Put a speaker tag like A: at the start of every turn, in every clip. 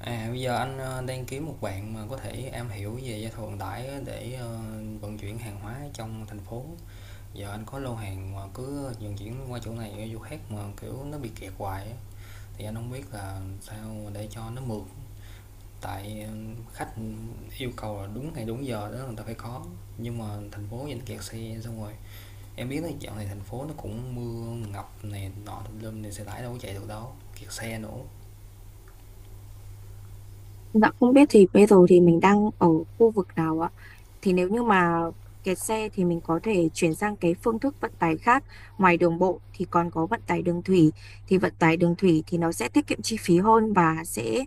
A: À, bây giờ anh đang kiếm một bạn mà có thể am hiểu về giao thông vận tải để vận chuyển hàng hóa trong thành phố. Giờ anh có lô hàng mà cứ vận chuyển qua chỗ này qua chỗ khác mà kiểu nó bị kẹt hoài á. Thì anh không biết là sao để cho nó mượt. Tại khách yêu cầu là đúng ngày đúng giờ đó người ta phải có. Nhưng mà thành phố vẫn kẹt xe xong rồi. Em biết là dạo này thành phố nó cũng mưa ngập này nọ tùm lum này, xe tải đâu có chạy được đâu. Kẹt xe nữa.
B: Dạ không biết thì bây giờ thì mình đang ở khu vực nào ạ? Thì nếu như mà kẹt xe thì mình có thể chuyển sang cái phương thức vận tải khác. Ngoài đường bộ thì còn có vận tải đường thủy. Thì vận tải đường thủy thì nó sẽ tiết kiệm chi phí hơn và sẽ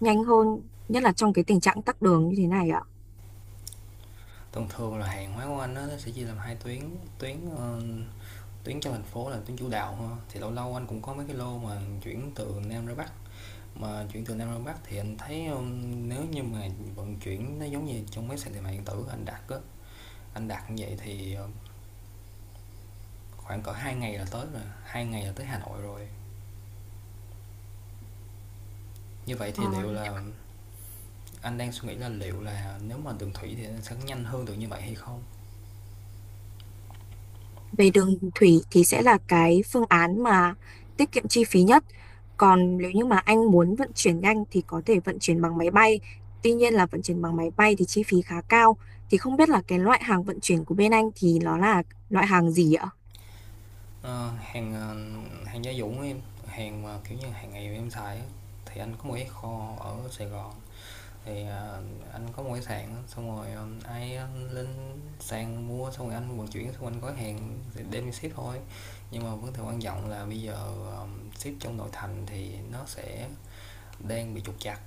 B: nhanh hơn, nhất là trong cái tình trạng tắc đường như thế này ạ.
A: Thông thường là hàng hóa của anh á, nó sẽ chia làm hai tuyến. tuyến ờ, Tuyến trong thành phố là tuyến chủ đạo ha. Thì lâu lâu anh cũng có mấy cái lô mà chuyển từ Nam ra Bắc, mà chuyển từ Nam ra Bắc thì anh thấy nếu như mà vận chuyển nó giống như trong mấy sàn thương mại điện tử anh đặt á, anh đặt như vậy thì khoảng cỡ hai ngày là tới rồi, hai ngày là tới Hà Nội rồi. Như vậy
B: Ờ,
A: thì liệu là Anh đang suy nghĩ là liệu là nếu mà đường thủy thì nó sẽ nhanh hơn được như vậy hay không.
B: Về đường thủy thì sẽ là cái phương án mà tiết kiệm chi phí nhất. Còn nếu như mà anh muốn vận chuyển nhanh thì có thể vận chuyển bằng máy bay. Tuy nhiên là vận chuyển bằng máy bay thì chi phí khá cao. Thì không biết là cái loại hàng vận chuyển của bên anh thì nó là loại hàng gì ạ?
A: Ờ, hàng, ờ, Hàng gia dụng em, hàng mà kiểu như hàng ngày em xài á, thì anh có một cái kho ở Sài Gòn, thì, ờ, anh có một cái sàn á, xong rồi, lên sàn mua xong rồi anh vận chuyển, xong rồi anh gói hàng thì đem đi ship thôi. Nhưng mà vấn đề quan trọng là bây giờ, ờ, ship trong nội thành thì nó sẽ đang bị trục trặc.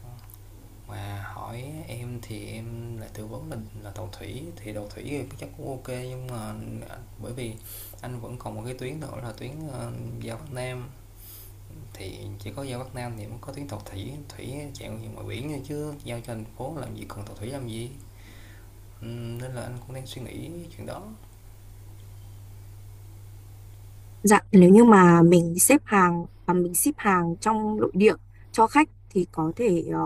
A: Mà hỏi em thì em lại tư vấn là tàu thủy thì chắc cũng ok, nhưng mà bởi vì anh vẫn còn một cái tuyến nữa là ra Bắc Nam, thì chỉ có giao Bắc Nam thì mới có tuyến tàu thủy, chạy ngoài biển thôi, chứ giao cho thành phố làm gì, cần tàu thủy làm gì. Nên là anh cũng đang suy nghĩ chuyện đó.
B: Dạ, nếu như mà mình xếp hàng mình ship hàng trong nội địa cho khách thì có thể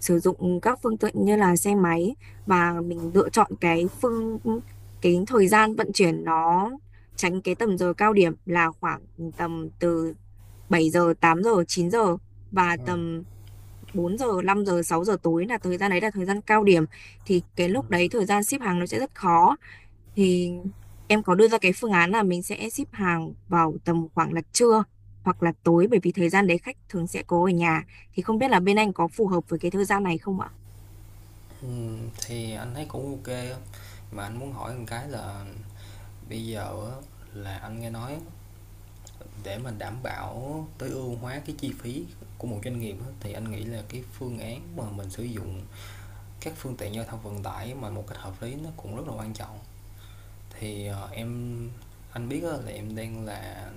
B: sử dụng các phương tiện như là xe máy, và mình lựa chọn cái thời gian vận chuyển nó tránh cái tầm giờ cao điểm là khoảng tầm từ 7 giờ, 8 giờ, 9 giờ và tầm 4 giờ, 5 giờ, 6 giờ tối. Là thời gian đấy là thời gian cao điểm thì cái lúc đấy thời gian ship hàng nó sẽ rất khó. Thì em có đưa ra cái phương án là mình sẽ ship hàng vào tầm khoảng là trưa hoặc là tối, bởi vì thời gian đấy khách thường sẽ có ở nhà. Thì không biết là bên anh có phù hợp với cái thời gian này không ạ?
A: Thì anh thấy cũng ok, mà anh muốn hỏi một cái là bây giờ là anh nghe nói, để mình đảm bảo tối ưu hóa cái chi phí của một doanh nghiệp thì anh nghĩ là cái phương án mà mình sử dụng các phương tiện giao thông vận tải mà một cách hợp lý nó cũng rất là quan trọng. Thì anh biết là em đang là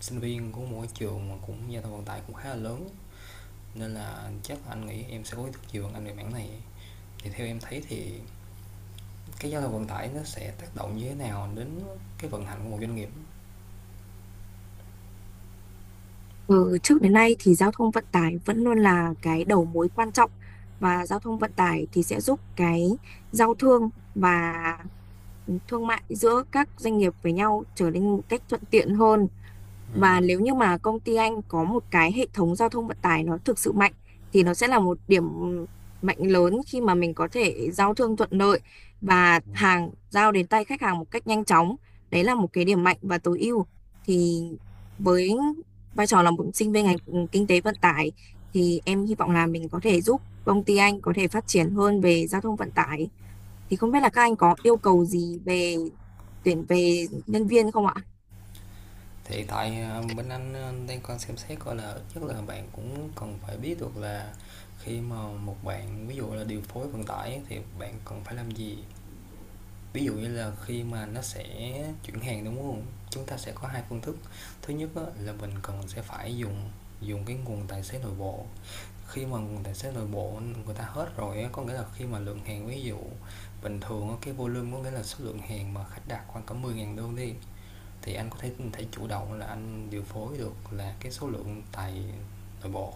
A: sinh viên của một trường mà cũng giao thông vận tải cũng khá là lớn, nên là chắc là anh nghĩ em sẽ có ý thức nhiều anh về mảng này. Thì theo em thấy thì cái giao thông vận tải nó sẽ tác động như thế nào đến cái vận hành của một doanh nghiệp?
B: Ừ, trước đến nay thì giao thông vận tải vẫn luôn là cái đầu mối quan trọng, và giao thông vận tải thì sẽ giúp cái giao thương và thương mại giữa các doanh nghiệp với nhau trở nên một cách thuận tiện hơn. Và nếu như mà công ty anh có một cái hệ thống giao thông vận tải nó thực sự mạnh thì nó sẽ là một điểm mạnh lớn khi mà mình có thể giao thương thuận lợi và hàng giao đến tay khách hàng một cách nhanh chóng. Đấy là một cái điểm mạnh và tối ưu. Thì với vai trò là một sinh viên ngành kinh tế vận tải, thì em hy vọng là mình có thể giúp công ty anh có thể phát triển hơn về giao thông vận tải. Thì không biết là các anh có yêu cầu gì về tuyển về nhân viên không ạ?
A: Thì tại bên anh đang còn xem xét coi là ít nhất là bạn cũng cần phải biết được là khi mà một bạn ví dụ là điều phối vận tải thì bạn cần phải làm gì. Ví dụ như là khi mà nó sẽ chuyển hàng đúng không, chúng ta sẽ có hai phương thức. Thứ nhất là mình cần sẽ phải dùng dùng cái nguồn tài xế nội bộ. Khi mà nguồn tài xế nội bộ người ta hết rồi, có nghĩa là khi mà lượng hàng, ví dụ bình thường cái volume, có nghĩa là số lượng hàng mà khách đặt khoảng cả mười 000 đơn đi, thì anh có thể thể chủ động là anh điều phối được là cái số lượng tài nội bộ.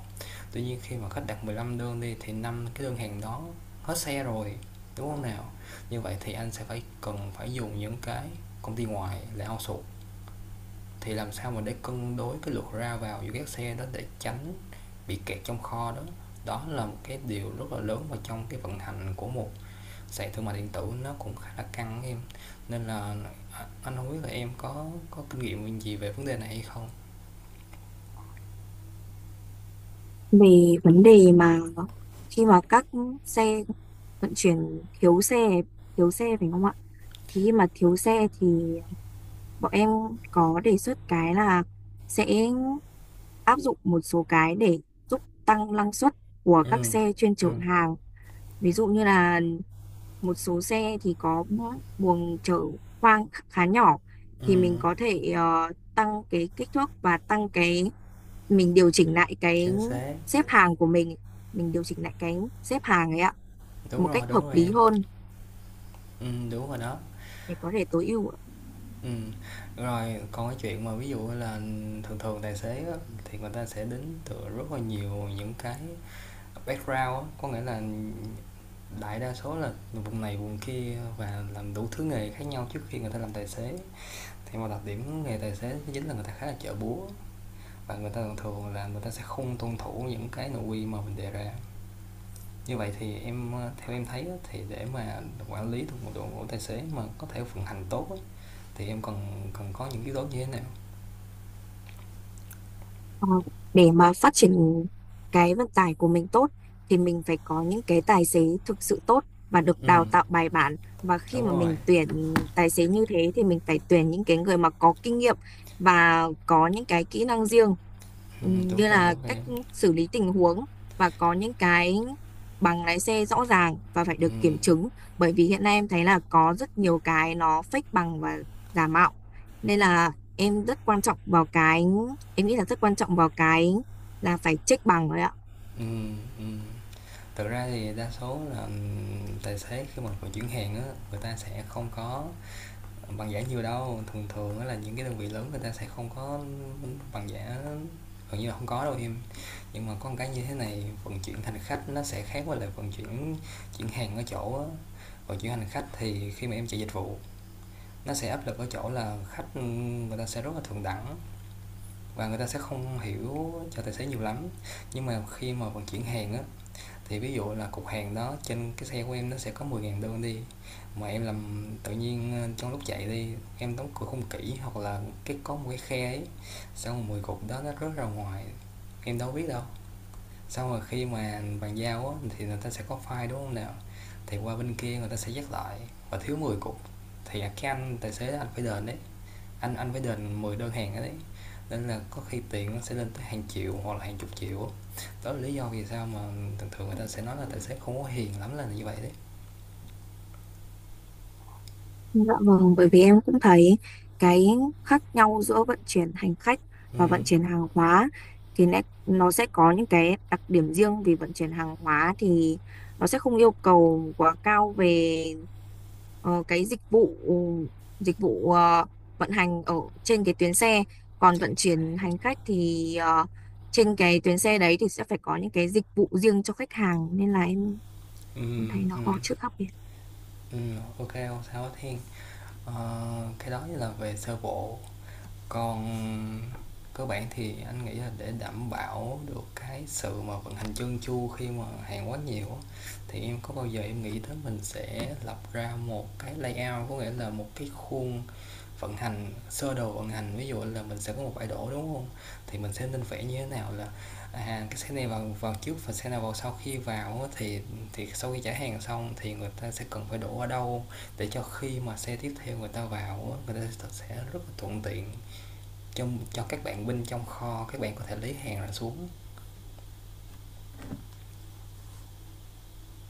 A: Tuy nhiên khi mà khách đặt 15 đơn đi thì 5 cái đơn hàng đó hết xe rồi, đúng không nào? Như vậy thì anh sẽ phải cần phải dùng những cái công ty ngoài là outsource. Thì làm sao mà để cân đối cái lượt ra vào giữa các xe đó để tránh bị kẹt trong kho đó, đó là một cái điều rất là lớn vào trong cái vận hành của một sàn thương mại điện tử, nó cũng khá là căng em. Nên là anh không biết là em có kinh nghiệm gì về vấn đề này hay không.
B: Về vấn đề mà khi mà các xe vận chuyển thiếu xe thiếu xe phải không ạ? Thì khi mà thiếu xe thì bọn em có đề xuất cái là sẽ áp dụng một số cái để giúp tăng năng suất của các
A: Ừ.
B: xe chuyên
A: Ừ.
B: chở hàng. Ví dụ như là một số xe thì có buồng chở khoang khá nhỏ,
A: Ừ.
B: thì mình có thể tăng cái kích thước và tăng cái mình điều chỉnh lại cái
A: Chính xác.
B: xếp hàng của mình điều chỉnh lại cái xếp hàng ấy ạ, một
A: Đúng
B: cách
A: rồi, đúng
B: hợp
A: rồi
B: lý
A: em.
B: hơn
A: Ừ, đúng rồi đó.
B: để có thể tối ưu.
A: Ừ, rồi. Còn cái chuyện mà ví dụ là thường thường tài xế á, thì người ta sẽ đến từ rất là nhiều những cái background á, có nghĩa là đại đa số là vùng này vùng kia và làm đủ thứ nghề khác nhau trước khi người ta làm tài xế. Thì một đặc điểm nghề tài xế chính là người ta khá là chợ búa, và người ta thường thường là người ta sẽ không tuân thủ những cái nội quy mà mình đề ra. Như vậy thì theo em thấy thì để mà quản lý được một đội ngũ tài xế mà có thể vận hành tốt thì em cần cần có những yếu tố như thế nào?
B: Ờ, để mà phát triển cái vận tải của mình tốt thì mình phải có những cái tài xế thực sự tốt và được
A: Ừ,
B: đào tạo bài bản, và khi
A: đúng
B: mà
A: rồi.
B: mình tuyển tài xế như thế thì mình phải tuyển những cái người mà có kinh nghiệm và có những cái kỹ năng riêng.
A: Ừ, đúng
B: Như
A: rồi,
B: là
A: đúng rồi
B: cách
A: em.
B: xử lý tình huống và có những cái bằng lái xe rõ ràng và phải được kiểm chứng, bởi vì hiện nay em thấy là có rất nhiều cái nó fake bằng và giả mạo. Nên là em rất quan trọng vào cái em nghĩ là rất quan trọng vào cái là phải check bằng rồi ạ.
A: Ừ. Ừ. Thực ra thì đa số là, tài xế khi mà vận chuyển hàng á, người ta sẽ không có bằng giả nhiều đâu. Thường thường á là những cái đơn vị lớn người ta sẽ không có bằng giả, gần như là không có đâu em. Nhưng mà có một cái như thế này, vận chuyển hành khách nó sẽ khác với lại vận chuyển chuyển hàng ở chỗ á. Vận chuyển hành khách thì khi mà em chạy dịch vụ nó sẽ áp lực ở chỗ là khách, người ta sẽ rất là thượng đẳng và người ta sẽ không hiểu cho tài xế nhiều lắm. Nhưng mà khi mà vận chuyển hàng á, thì ví dụ là cục hàng đó trên cái xe của em nó sẽ có 10.000 đơn đi, mà em làm tự nhiên trong lúc chạy đi em đóng cửa không kỹ hoặc là cái có một cái khe ấy, xong rồi 10 cục đó nó rớt ra ngoài, em đâu biết đâu. Xong rồi khi mà bàn giao á, thì người ta sẽ có file đúng không nào, thì qua bên kia người ta sẽ dắt lại và thiếu 10 cục, thì cái anh tài xế anh phải đền đấy. Anh phải đền 10 đơn hàng ở đấy, nên là có khi tiền nó sẽ lên tới hàng triệu hoặc là hàng chục triệu. Đó là lý do vì sao mà thường thường người ta sẽ nói là tài xế không có hiền lắm là như vậy đấy.
B: Dạ vâng, bởi vì em cũng thấy cái khác nhau giữa vận chuyển hành khách
A: Ừ.
B: và vận chuyển hàng hóa, thì nó sẽ có những cái đặc điểm riêng. Vì vận chuyển hàng hóa thì nó sẽ không yêu cầu quá cao về cái dịch vụ vận hành ở trên cái tuyến xe. Còn
A: Chính
B: vận
A: xác.
B: chuyển hành khách thì trên cái tuyến xe đấy thì sẽ phải có những cái dịch vụ riêng cho khách hàng, nên là em
A: Ừ.
B: Em thấy nó
A: Ừ.
B: khó chữa đặc biệt.
A: Ừ. Ok, không sao hết Thiên. Ờ, cái đó là về sơ bộ. Còn cơ bản thì anh nghĩ là để đảm bảo được cái sự mà vận hành chân chu khi mà hàng quá nhiều á, thì em có bao giờ em nghĩ tới mình sẽ lập ra một cái layout, có nghĩa là một cái khuôn vận hành, sơ đồ vận hành, ví dụ là mình sẽ có một bãi đổ đúng không, thì mình sẽ nên vẽ như thế nào, là à, cái xe này vào vào trước và xe nào vào sau, khi vào thì sau khi trả hàng xong thì người ta sẽ cần phải đổ ở đâu để cho khi mà xe tiếp theo người ta vào, người ta sẽ rất là thuận tiện cho các bạn binh trong kho, các bạn có thể lấy hàng ra xuống.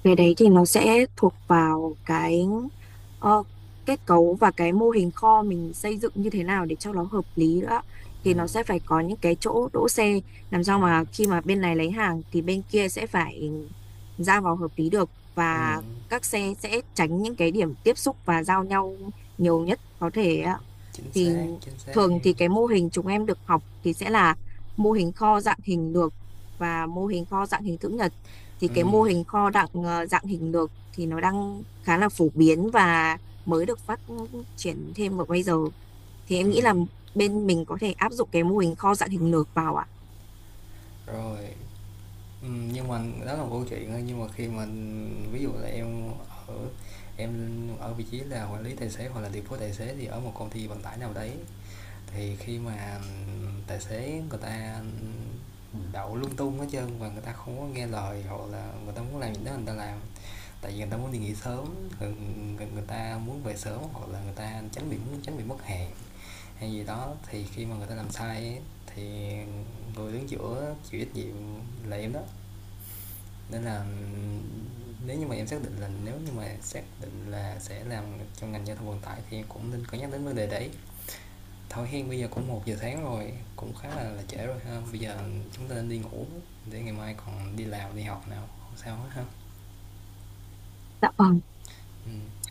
B: Cái đấy thì nó sẽ thuộc vào cái ờ, kết cấu và cái mô hình kho mình xây dựng như thế nào để cho nó hợp lý nữa. Thì nó sẽ phải có những cái chỗ đỗ xe, làm sao mà khi mà bên này lấy hàng thì bên kia sẽ phải ra vào hợp lý được,
A: Ừ,
B: và các xe sẽ tránh những cái điểm tiếp xúc và giao nhau nhiều nhất có thể ạ. Thì
A: chính xác
B: thường
A: em.
B: thì cái mô hình chúng em được học thì sẽ là mô hình kho dạng hình lược và mô hình kho dạng hình chữ nhật. Thì
A: Ừ,
B: cái mô hình kho dạng hình lược thì nó đang khá là phổ biến và mới được phát triển thêm vào bây giờ. Thì em nghĩ là bên mình có thể áp dụng cái mô hình kho dạng hình lược vào ạ.
A: rồi. Nhưng mà đó là một câu chuyện thôi, nhưng mà khi mà ví dụ là ở em ở vị trí là quản lý tài xế hoặc là điều phối tài xế thì ở một công ty vận tải nào đấy, thì khi mà tài xế người ta đậu lung tung hết trơn và người ta không có nghe lời hoặc là người ta muốn làm gì đó người ta làm. Tại vì người ta muốn đi nghỉ sớm, người ta muốn về sớm, hoặc là người ta tránh bị muốn tránh bị mất hàng hay gì đó, thì khi mà người ta làm sai ấy, thì người đứng giữa chịu trách nhiệm là em đó. Nên là nếu như mà em xác định là, sẽ làm trong ngành giao thông vận tải, thì em cũng nên có nhắc đến vấn đề đấy. Thôi hen, bây giờ cũng 1 giờ sáng rồi, cũng khá là trễ rồi ha, bây giờ chúng ta nên đi ngủ để ngày mai còn đi làm đi học nào. Không sao hết ha.
B: Dạ vâng.
A: Ừ.